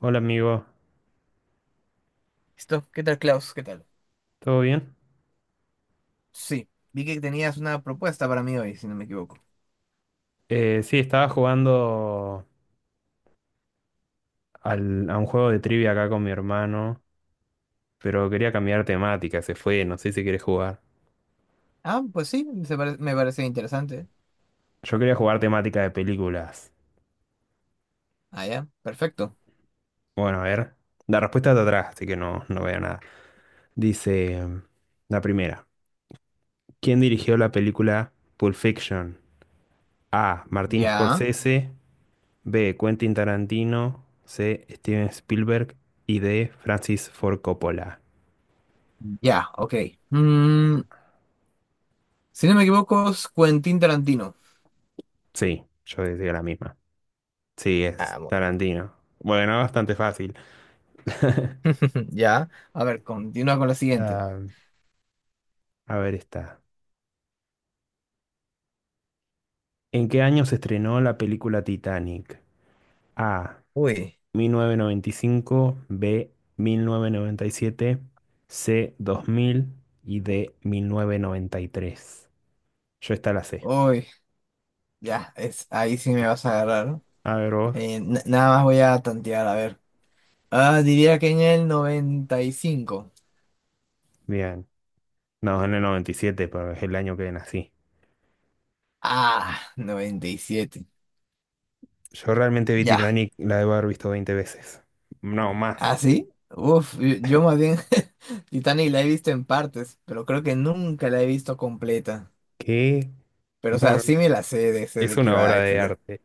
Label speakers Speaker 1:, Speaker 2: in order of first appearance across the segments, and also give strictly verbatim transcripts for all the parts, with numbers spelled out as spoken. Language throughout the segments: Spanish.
Speaker 1: Hola amigo,
Speaker 2: Esto, ¿qué tal, Klaus? ¿Qué tal?
Speaker 1: ¿todo bien?
Speaker 2: Sí, vi que tenías una propuesta para mí hoy, si no me equivoco.
Speaker 1: Eh, sí, estaba jugando al- a un juego de trivia acá con mi hermano, pero quería cambiar temática, se fue, no sé si quieres jugar.
Speaker 2: Ah, pues sí, se pare- me parece interesante.
Speaker 1: Yo quería jugar temática de películas.
Speaker 2: Ah, ya, perfecto.
Speaker 1: Bueno, a ver, la respuesta está atrás, así que no, no veo nada. Dice mm, la primera, ¿quién dirigió la película Pulp Fiction? A. Martin
Speaker 2: Ya,
Speaker 1: Scorsese, B. Quentin Tarantino, C. Steven Spielberg y D. Francis Ford Coppola.
Speaker 2: ya, ok. Mm, si no me equivoco, es Quentin Tarantino.
Speaker 1: Sí, yo decía la misma. Sí, es
Speaker 2: Ah, muy bien.
Speaker 1: Tarantino. Bueno, bastante fácil.
Speaker 2: Ya. A ver, continúa con la siguiente.
Speaker 1: Ah, a ver está. ¿En qué año se estrenó la película Titanic? A.
Speaker 2: Uy.
Speaker 1: mil novecientos noventa y cinco, B. mil novecientos noventa y siete, C. dos mil y D. mil novecientos noventa y tres. Yo esta la sé.
Speaker 2: Uy, ya, es, ahí sí me vas a agarrar.
Speaker 1: A ver vos.
Speaker 2: Eh, n- nada más voy a tantear, a ver. Ah, diría que en el noventa y cinco.
Speaker 1: Bien. No, en el noventa y siete, pero es el año que nací.
Speaker 2: Ah, noventa y siete.
Speaker 1: Yo realmente vi
Speaker 2: Ya.
Speaker 1: Titanic, la debo haber visto veinte veces. No,
Speaker 2: ¿Ah,
Speaker 1: más.
Speaker 2: sí? Uf, yo yo más bien. Titanic la he visto en partes, pero creo que nunca la he visto completa.
Speaker 1: ¿Qué?
Speaker 2: Pero, o
Speaker 1: No,
Speaker 2: sea,
Speaker 1: no,
Speaker 2: sí me la sé de, sé
Speaker 1: es
Speaker 2: de qué
Speaker 1: una
Speaker 2: va,
Speaker 1: obra de
Speaker 2: etcétera.
Speaker 1: arte.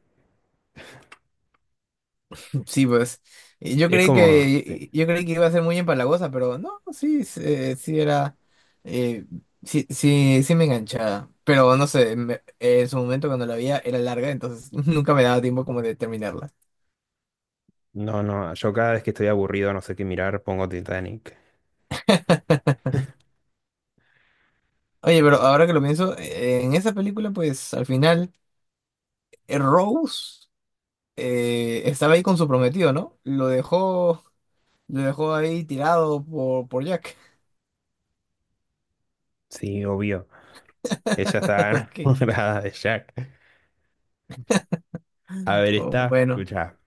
Speaker 2: Sí, pues, y yo
Speaker 1: Es
Speaker 2: creí
Speaker 1: como, sí.
Speaker 2: que, yo creí que iba a ser muy empalagosa, pero no, sí, sí, eh, sí era, eh, sí, sí, sí me enganchaba. Pero, no sé, me- en su momento cuando la veía era larga, entonces nunca me daba tiempo como de terminarla.
Speaker 1: No, no, yo cada vez que estoy aburrido, no sé qué mirar, pongo Titanic.
Speaker 2: Oye, pero ahora que lo pienso, eh, en esa película, pues, al final, eh, Rose... eh, estaba ahí con su prometido, ¿no? Lo dejó, lo dejó ahí tirado por, por Jack.
Speaker 1: Sí, obvio. Ella está
Speaker 2: Ok.
Speaker 1: enamorada de Jack. A ver,
Speaker 2: Oh,
Speaker 1: está,
Speaker 2: bueno,
Speaker 1: escucha.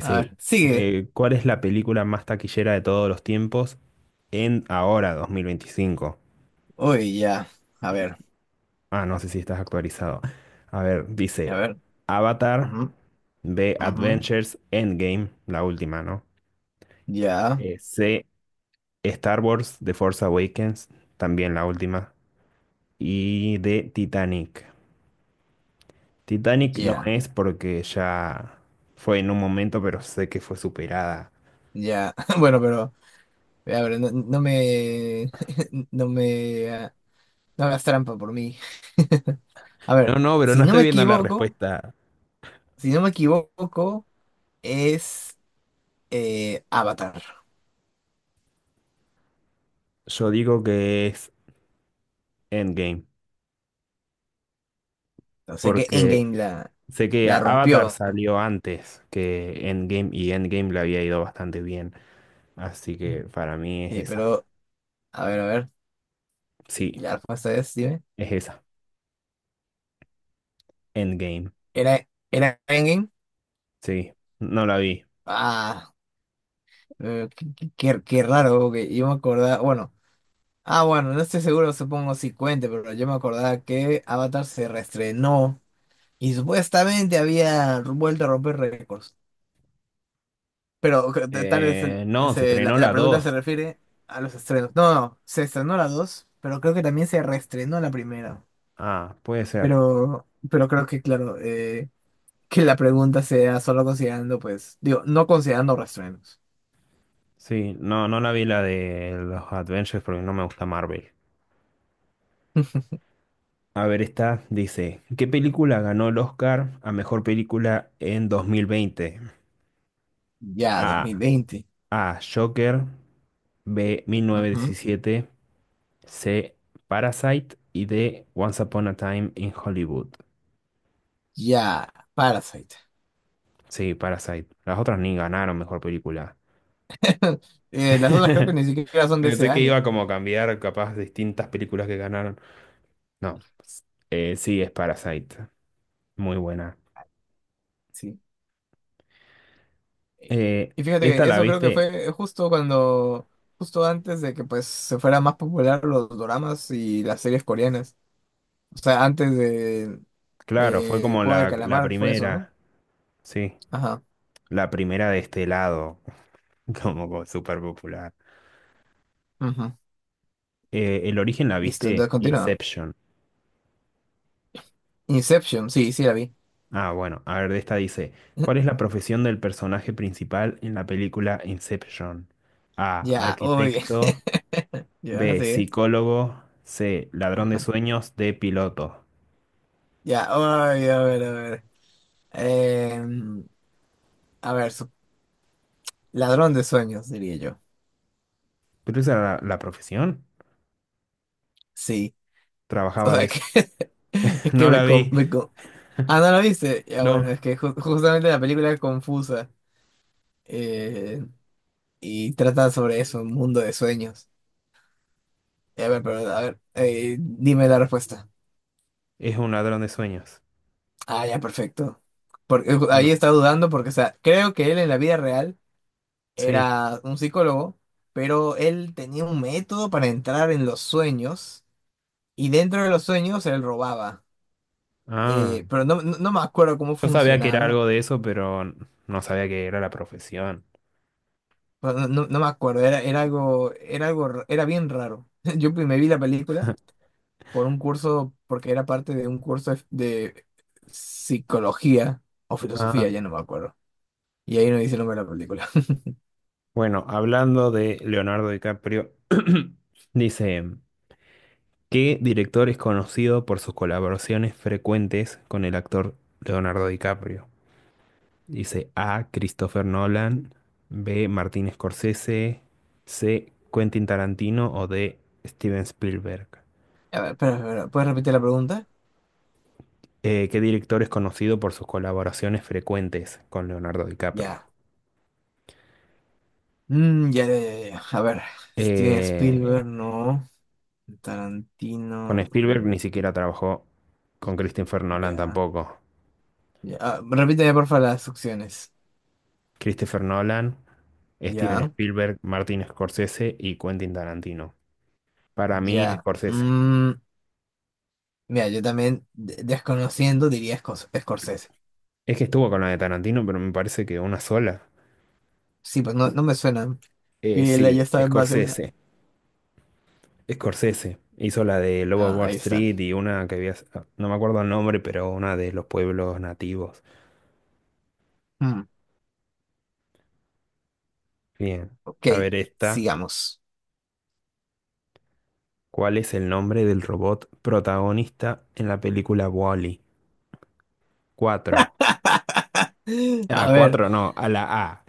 Speaker 2: a ver, sigue.
Speaker 1: eh, ¿cuál es la película más taquillera de todos los tiempos en ahora, dos mil veinticinco?
Speaker 2: Uy, ya. A ver,
Speaker 1: Ah, no sé si estás actualizado. A ver,
Speaker 2: a
Speaker 1: dice
Speaker 2: ver.
Speaker 1: Avatar,
Speaker 2: Ujú,
Speaker 1: B,
Speaker 2: ujú.
Speaker 1: Adventures, Endgame, la última, ¿no?
Speaker 2: Ya,
Speaker 1: Eh, C, Star Wars, The Force Awakens, también la última. Y de Titanic. Titanic no
Speaker 2: ya,
Speaker 1: es porque ya fue en un momento, pero sé que fue superada.
Speaker 2: ya. Bueno, pero, a ver, no, no me, no me, ah, no hagas trampa por mí. A
Speaker 1: No,
Speaker 2: ver,
Speaker 1: no, pero
Speaker 2: si
Speaker 1: no
Speaker 2: no
Speaker 1: estoy
Speaker 2: me
Speaker 1: viendo la
Speaker 2: equivoco,
Speaker 1: respuesta.
Speaker 2: si no me equivoco, es eh, Avatar.
Speaker 1: Yo digo que es Endgame,
Speaker 2: O sea que
Speaker 1: porque
Speaker 2: Endgame la,
Speaker 1: sé que
Speaker 2: la
Speaker 1: Avatar
Speaker 2: rompió.
Speaker 1: salió antes que Endgame y Endgame le había ido bastante bien. Así que para mí es
Speaker 2: Sí,
Speaker 1: esa.
Speaker 2: pero, a ver, a ver,
Speaker 1: Sí,
Speaker 2: ya la respuesta es, dime.
Speaker 1: es esa. Endgame.
Speaker 2: ¿Era, era Endgame?
Speaker 1: Sí, no la vi.
Speaker 2: Ah, eh, qué, qué- qué- qué raro, porque yo me acordaba, bueno, ah, bueno, no estoy seguro, supongo si cuente, pero yo me acordaba que Avatar se reestrenó y supuestamente había vuelto a romper récords. Pero que t- tal vez el-
Speaker 1: Eh, no, se
Speaker 2: se- la,
Speaker 1: estrenó
Speaker 2: la
Speaker 1: la
Speaker 2: pregunta se
Speaker 1: dos.
Speaker 2: refiere a los estrenos. No, no, se estrenó la dos, pero creo que también se reestrenó la primera.
Speaker 1: Ah, puede ser.
Speaker 2: Pero, pero creo que, claro, eh, que la pregunta sea solo considerando, pues, digo, no considerando reestrenos.
Speaker 1: Sí, no, no la vi la de los Adventures porque no me gusta Marvel. A ver, esta dice, ¿qué película ganó el Oscar a mejor película en dos mil veinte?
Speaker 2: Ya,
Speaker 1: A.
Speaker 2: dos mil veinte.
Speaker 1: A. Joker. B. mil novecientos
Speaker 2: Ujú.
Speaker 1: diecisiete, C. Parasite. Y D. Once Upon a Time in Hollywood.
Speaker 2: Ya, Parasite.
Speaker 1: Sí, Parasite. Las otras ni ganaron mejor película.
Speaker 2: Eh, las otras creo que ni siquiera son de ese
Speaker 1: Pensé que
Speaker 2: año.
Speaker 1: iba como a cambiar capaz distintas películas que ganaron. No, eh, sí, es Parasite. Muy buena.
Speaker 2: Sí. Eh,
Speaker 1: Eh,
Speaker 2: Y fíjate
Speaker 1: esta
Speaker 2: que
Speaker 1: la
Speaker 2: eso creo que
Speaker 1: viste,
Speaker 2: fue justo cuando, justo antes de que pues se fueran más popular los doramas y las series coreanas. O sea, antes de
Speaker 1: claro, fue
Speaker 2: eh, el
Speaker 1: como
Speaker 2: juego del
Speaker 1: la, la
Speaker 2: calamar fue eso, ¿no?
Speaker 1: primera, sí,
Speaker 2: Ajá.
Speaker 1: la primera de este lado, como, como súper popular.
Speaker 2: Ujú.
Speaker 1: Eh, el origen la
Speaker 2: Listo,
Speaker 1: viste,
Speaker 2: entonces continúa.
Speaker 1: Inception.
Speaker 2: Inception, sí, sí la vi.
Speaker 1: Ah, bueno, a ver, de esta dice, ¿cuál es la profesión del personaje principal en la película Inception? A,
Speaker 2: Ya, uy.
Speaker 1: arquitecto,
Speaker 2: Ya,
Speaker 1: B,
Speaker 2: sí.
Speaker 1: psicólogo, C, ladrón de
Speaker 2: Ajá.
Speaker 1: sueños, D, piloto.
Speaker 2: Ya, ay, a ver, a ver. Em, a ver, su- ladrón de sueños, diría yo.
Speaker 1: ¿Pero esa era la, la profesión?
Speaker 2: Sí, o
Speaker 1: Trabajaba de
Speaker 2: sea
Speaker 1: eso.
Speaker 2: que es que
Speaker 1: No la
Speaker 2: me, con-
Speaker 1: vi,
Speaker 2: me con- Ah, ¿no la viste? Ya, bueno,
Speaker 1: no,
Speaker 2: es que ju- justamente la película es confusa eh, y trata sobre eso, un mundo de sueños. Eh, A ver, pero a ver, eh, dime la respuesta.
Speaker 1: es un ladrón de sueños.
Speaker 2: Ah, ya, perfecto. Porque eh,
Speaker 1: ¿O no?
Speaker 2: ahí está dudando porque, o sea, creo que él en la vida real
Speaker 1: Sí.
Speaker 2: era un psicólogo, pero él tenía un método para entrar en los sueños y dentro de los sueños él robaba.
Speaker 1: Ah,
Speaker 2: Eh, pero no, no, no me acuerdo cómo
Speaker 1: yo sabía que era
Speaker 2: funcionaba.
Speaker 1: algo de eso, pero no sabía que era la profesión.
Speaker 2: Pero no, no- no me acuerdo, era, era algo, era algo, r- era bien raro. Yo me vi la película por un curso, porque era parte de un curso de, de psicología o
Speaker 1: Ah.
Speaker 2: filosofía, ya no me acuerdo. Y ahí no dice el nombre de la película.
Speaker 1: Bueno, hablando de Leonardo DiCaprio, dice, ¿qué director es conocido por sus colaboraciones frecuentes con el actor Leonardo DiCaprio? Dice A. Christopher Nolan, B. Martin Scorsese, C. Quentin Tarantino o D. Steven Spielberg.
Speaker 2: A ver, espera, espera, ¿puedes repetir la pregunta?
Speaker 1: Eh, ¿qué director es conocido por sus colaboraciones frecuentes con Leonardo DiCaprio?
Speaker 2: Ya. Mm, ya, ya, ya, ya. A ver, Steven
Speaker 1: Eh,
Speaker 2: Spielberg, no.
Speaker 1: Con
Speaker 2: Tarantino,
Speaker 1: Spielberg ni
Speaker 2: mm,
Speaker 1: siquiera trabajó, con Christopher Nolan
Speaker 2: ya.
Speaker 1: tampoco.
Speaker 2: Ya. Ah, repíteme, porfa, las opciones.
Speaker 1: Christopher Nolan, Steven
Speaker 2: Ya,
Speaker 1: Spielberg, Martin Scorsese y Quentin Tarantino. Para mí,
Speaker 2: ya.
Speaker 1: Scorsese.
Speaker 2: Mm, mira, yo también, de- desconociendo, diría Scors- Scorsese.
Speaker 1: Es que estuvo con la de Tarantino, pero me parece que una sola.
Speaker 2: Sí, pues no, no me suena
Speaker 1: Eh,
Speaker 2: que él
Speaker 1: sí,
Speaker 2: haya estado en más de una.
Speaker 1: Scorsese. Scorsese. Hizo la de Lobo de
Speaker 2: Ah,
Speaker 1: Wall
Speaker 2: ahí está.
Speaker 1: Street y una que había, no me acuerdo el nombre, pero una de los pueblos nativos.
Speaker 2: Mm,
Speaker 1: Bien.
Speaker 2: ok,
Speaker 1: A ver esta.
Speaker 2: sigamos.
Speaker 1: ¿Cuál es el nombre del robot protagonista en la película Wall-E? Cuatro. A
Speaker 2: A ver,
Speaker 1: cuatro no, a la A.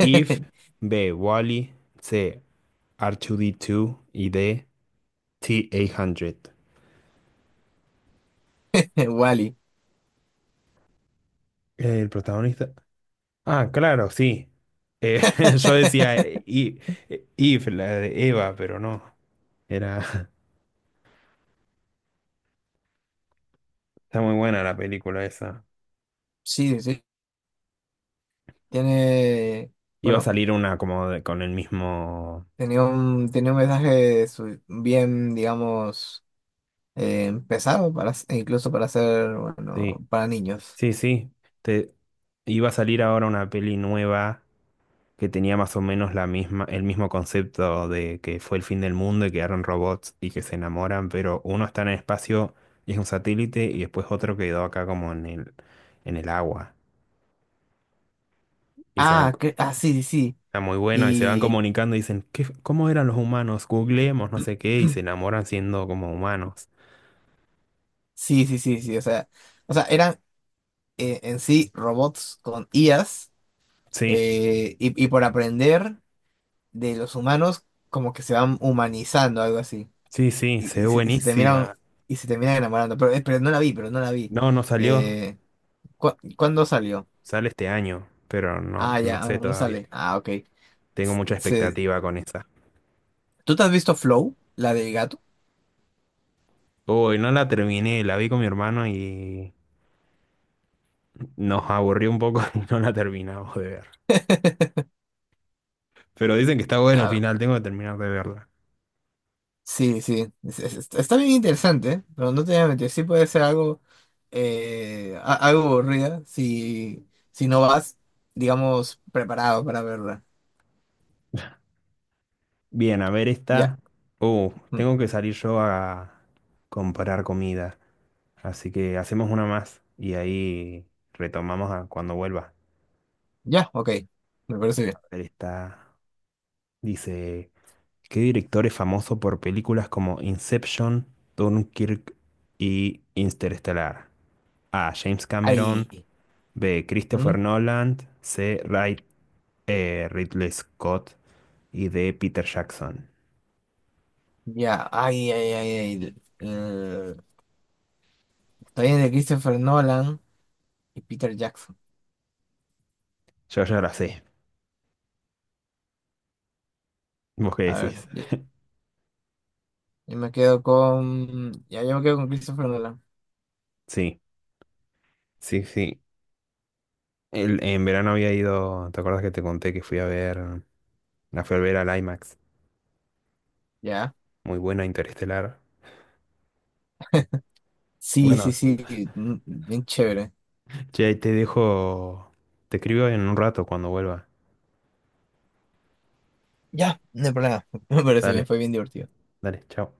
Speaker 1: If, B, Wally, C, R dos D dos y D, T ochocientos.
Speaker 2: Wally.
Speaker 1: El protagonista. Ah, claro, sí. Eh, yo decía eh, I- eh, If, la de Eva, pero no. Era. Está muy buena la película esa.
Speaker 2: Sí, sí, tiene.
Speaker 1: Iba a
Speaker 2: Bueno.
Speaker 1: salir una como de- con el mismo.
Speaker 2: Tenía un, tenía un mensaje su- bien, digamos, eh, pesado para, s- e incluso para ser,
Speaker 1: Sí,
Speaker 2: bueno, para niños.
Speaker 1: sí, sí. Te... Iba a salir ahora una peli nueva que tenía más o menos la misma, el mismo concepto de que fue el fin del mundo y quedaron robots y que se enamoran, pero uno está en el espacio y es un satélite y después otro quedó acá como en el, en el agua. Y se van,
Speaker 2: Ah, que, ah, sí, sí, sí.
Speaker 1: está muy bueno y se van
Speaker 2: Y
Speaker 1: comunicando y dicen, ¿qué, cómo eran los humanos? Googleemos, no sé qué, y se enamoran siendo como humanos.
Speaker 2: sí, sí, sí, sí. O sea, o sea, eran eh, en sí robots con I As
Speaker 1: Sí,
Speaker 2: eh, y, y por aprender de los humanos como que se van humanizando, algo así.
Speaker 1: sí, sí, se
Speaker 2: Y,
Speaker 1: ve
Speaker 2: y se, y se terminan,
Speaker 1: buenísima.
Speaker 2: y se terminan enamorando. Pero, eh, pero no la vi, pero no la vi.
Speaker 1: No, no salió,
Speaker 2: Eh, ¿cu- ¿cuándo salió?
Speaker 1: sale este año, pero no,
Speaker 2: Ah,
Speaker 1: no
Speaker 2: ya,
Speaker 1: sé
Speaker 2: aún no
Speaker 1: todavía.
Speaker 2: sale. Ah, ok.
Speaker 1: Tengo mucha
Speaker 2: se-
Speaker 1: expectativa con esa.
Speaker 2: ¿Tú te has visto Flow, la del gato?
Speaker 1: Hoy no la terminé, la vi con mi hermano y nos aburrió un poco y no la terminamos de ver. Pero dicen que está bueno al
Speaker 2: Ah,
Speaker 1: final, tengo que terminar de verla.
Speaker 2: sí, sí. Es- es- es- está bien interesante, ¿eh? Pero no te voy a mentir, sí puede ser algo, eh, a- algo aburrida si, si no vas, digamos, preparado para verla.
Speaker 1: Bien, a ver
Speaker 2: Ya,
Speaker 1: esta. Uh,
Speaker 2: mm,
Speaker 1: tengo que salir yo a comprar comida. Así que hacemos una más y ahí retomamos a cuando vuelva.
Speaker 2: ya, ok. Me parece
Speaker 1: A
Speaker 2: bien.
Speaker 1: ver esta. Dice, ¿qué director es famoso por películas como Inception, Dunkirk y Interstellar? A. James Cameron.
Speaker 2: Ahí.
Speaker 1: B.
Speaker 2: ¿Mm?
Speaker 1: Christopher Nolan. C. Ray- eh, Ridley Scott. Y D. Peter Jackson.
Speaker 2: Ya, ay, ay, ay, ay. Eh, estoy en el Christopher Nolan y Peter Jackson.
Speaker 1: Yo ya la sé. ¿Vos qué
Speaker 2: A ver,
Speaker 1: decís?
Speaker 2: ya- yo, me quedo con. Ya, yo me quedo con Christopher Nolan.
Speaker 1: Sí, sí, sí. El- en verano había ido. ¿Te acuerdas que te conté que fui a ver? La fui a ver al I MAX.
Speaker 2: Ya.
Speaker 1: Muy buena, Interestelar.
Speaker 2: Sí, sí,
Speaker 1: Bueno,
Speaker 2: sí, mm, bien chévere.
Speaker 1: che, te dejo. Te escribo en un rato cuando vuelva.
Speaker 2: Ya, no hay problema. Me parece bien,
Speaker 1: Dale,
Speaker 2: fue bien divertido.
Speaker 1: dale, chao.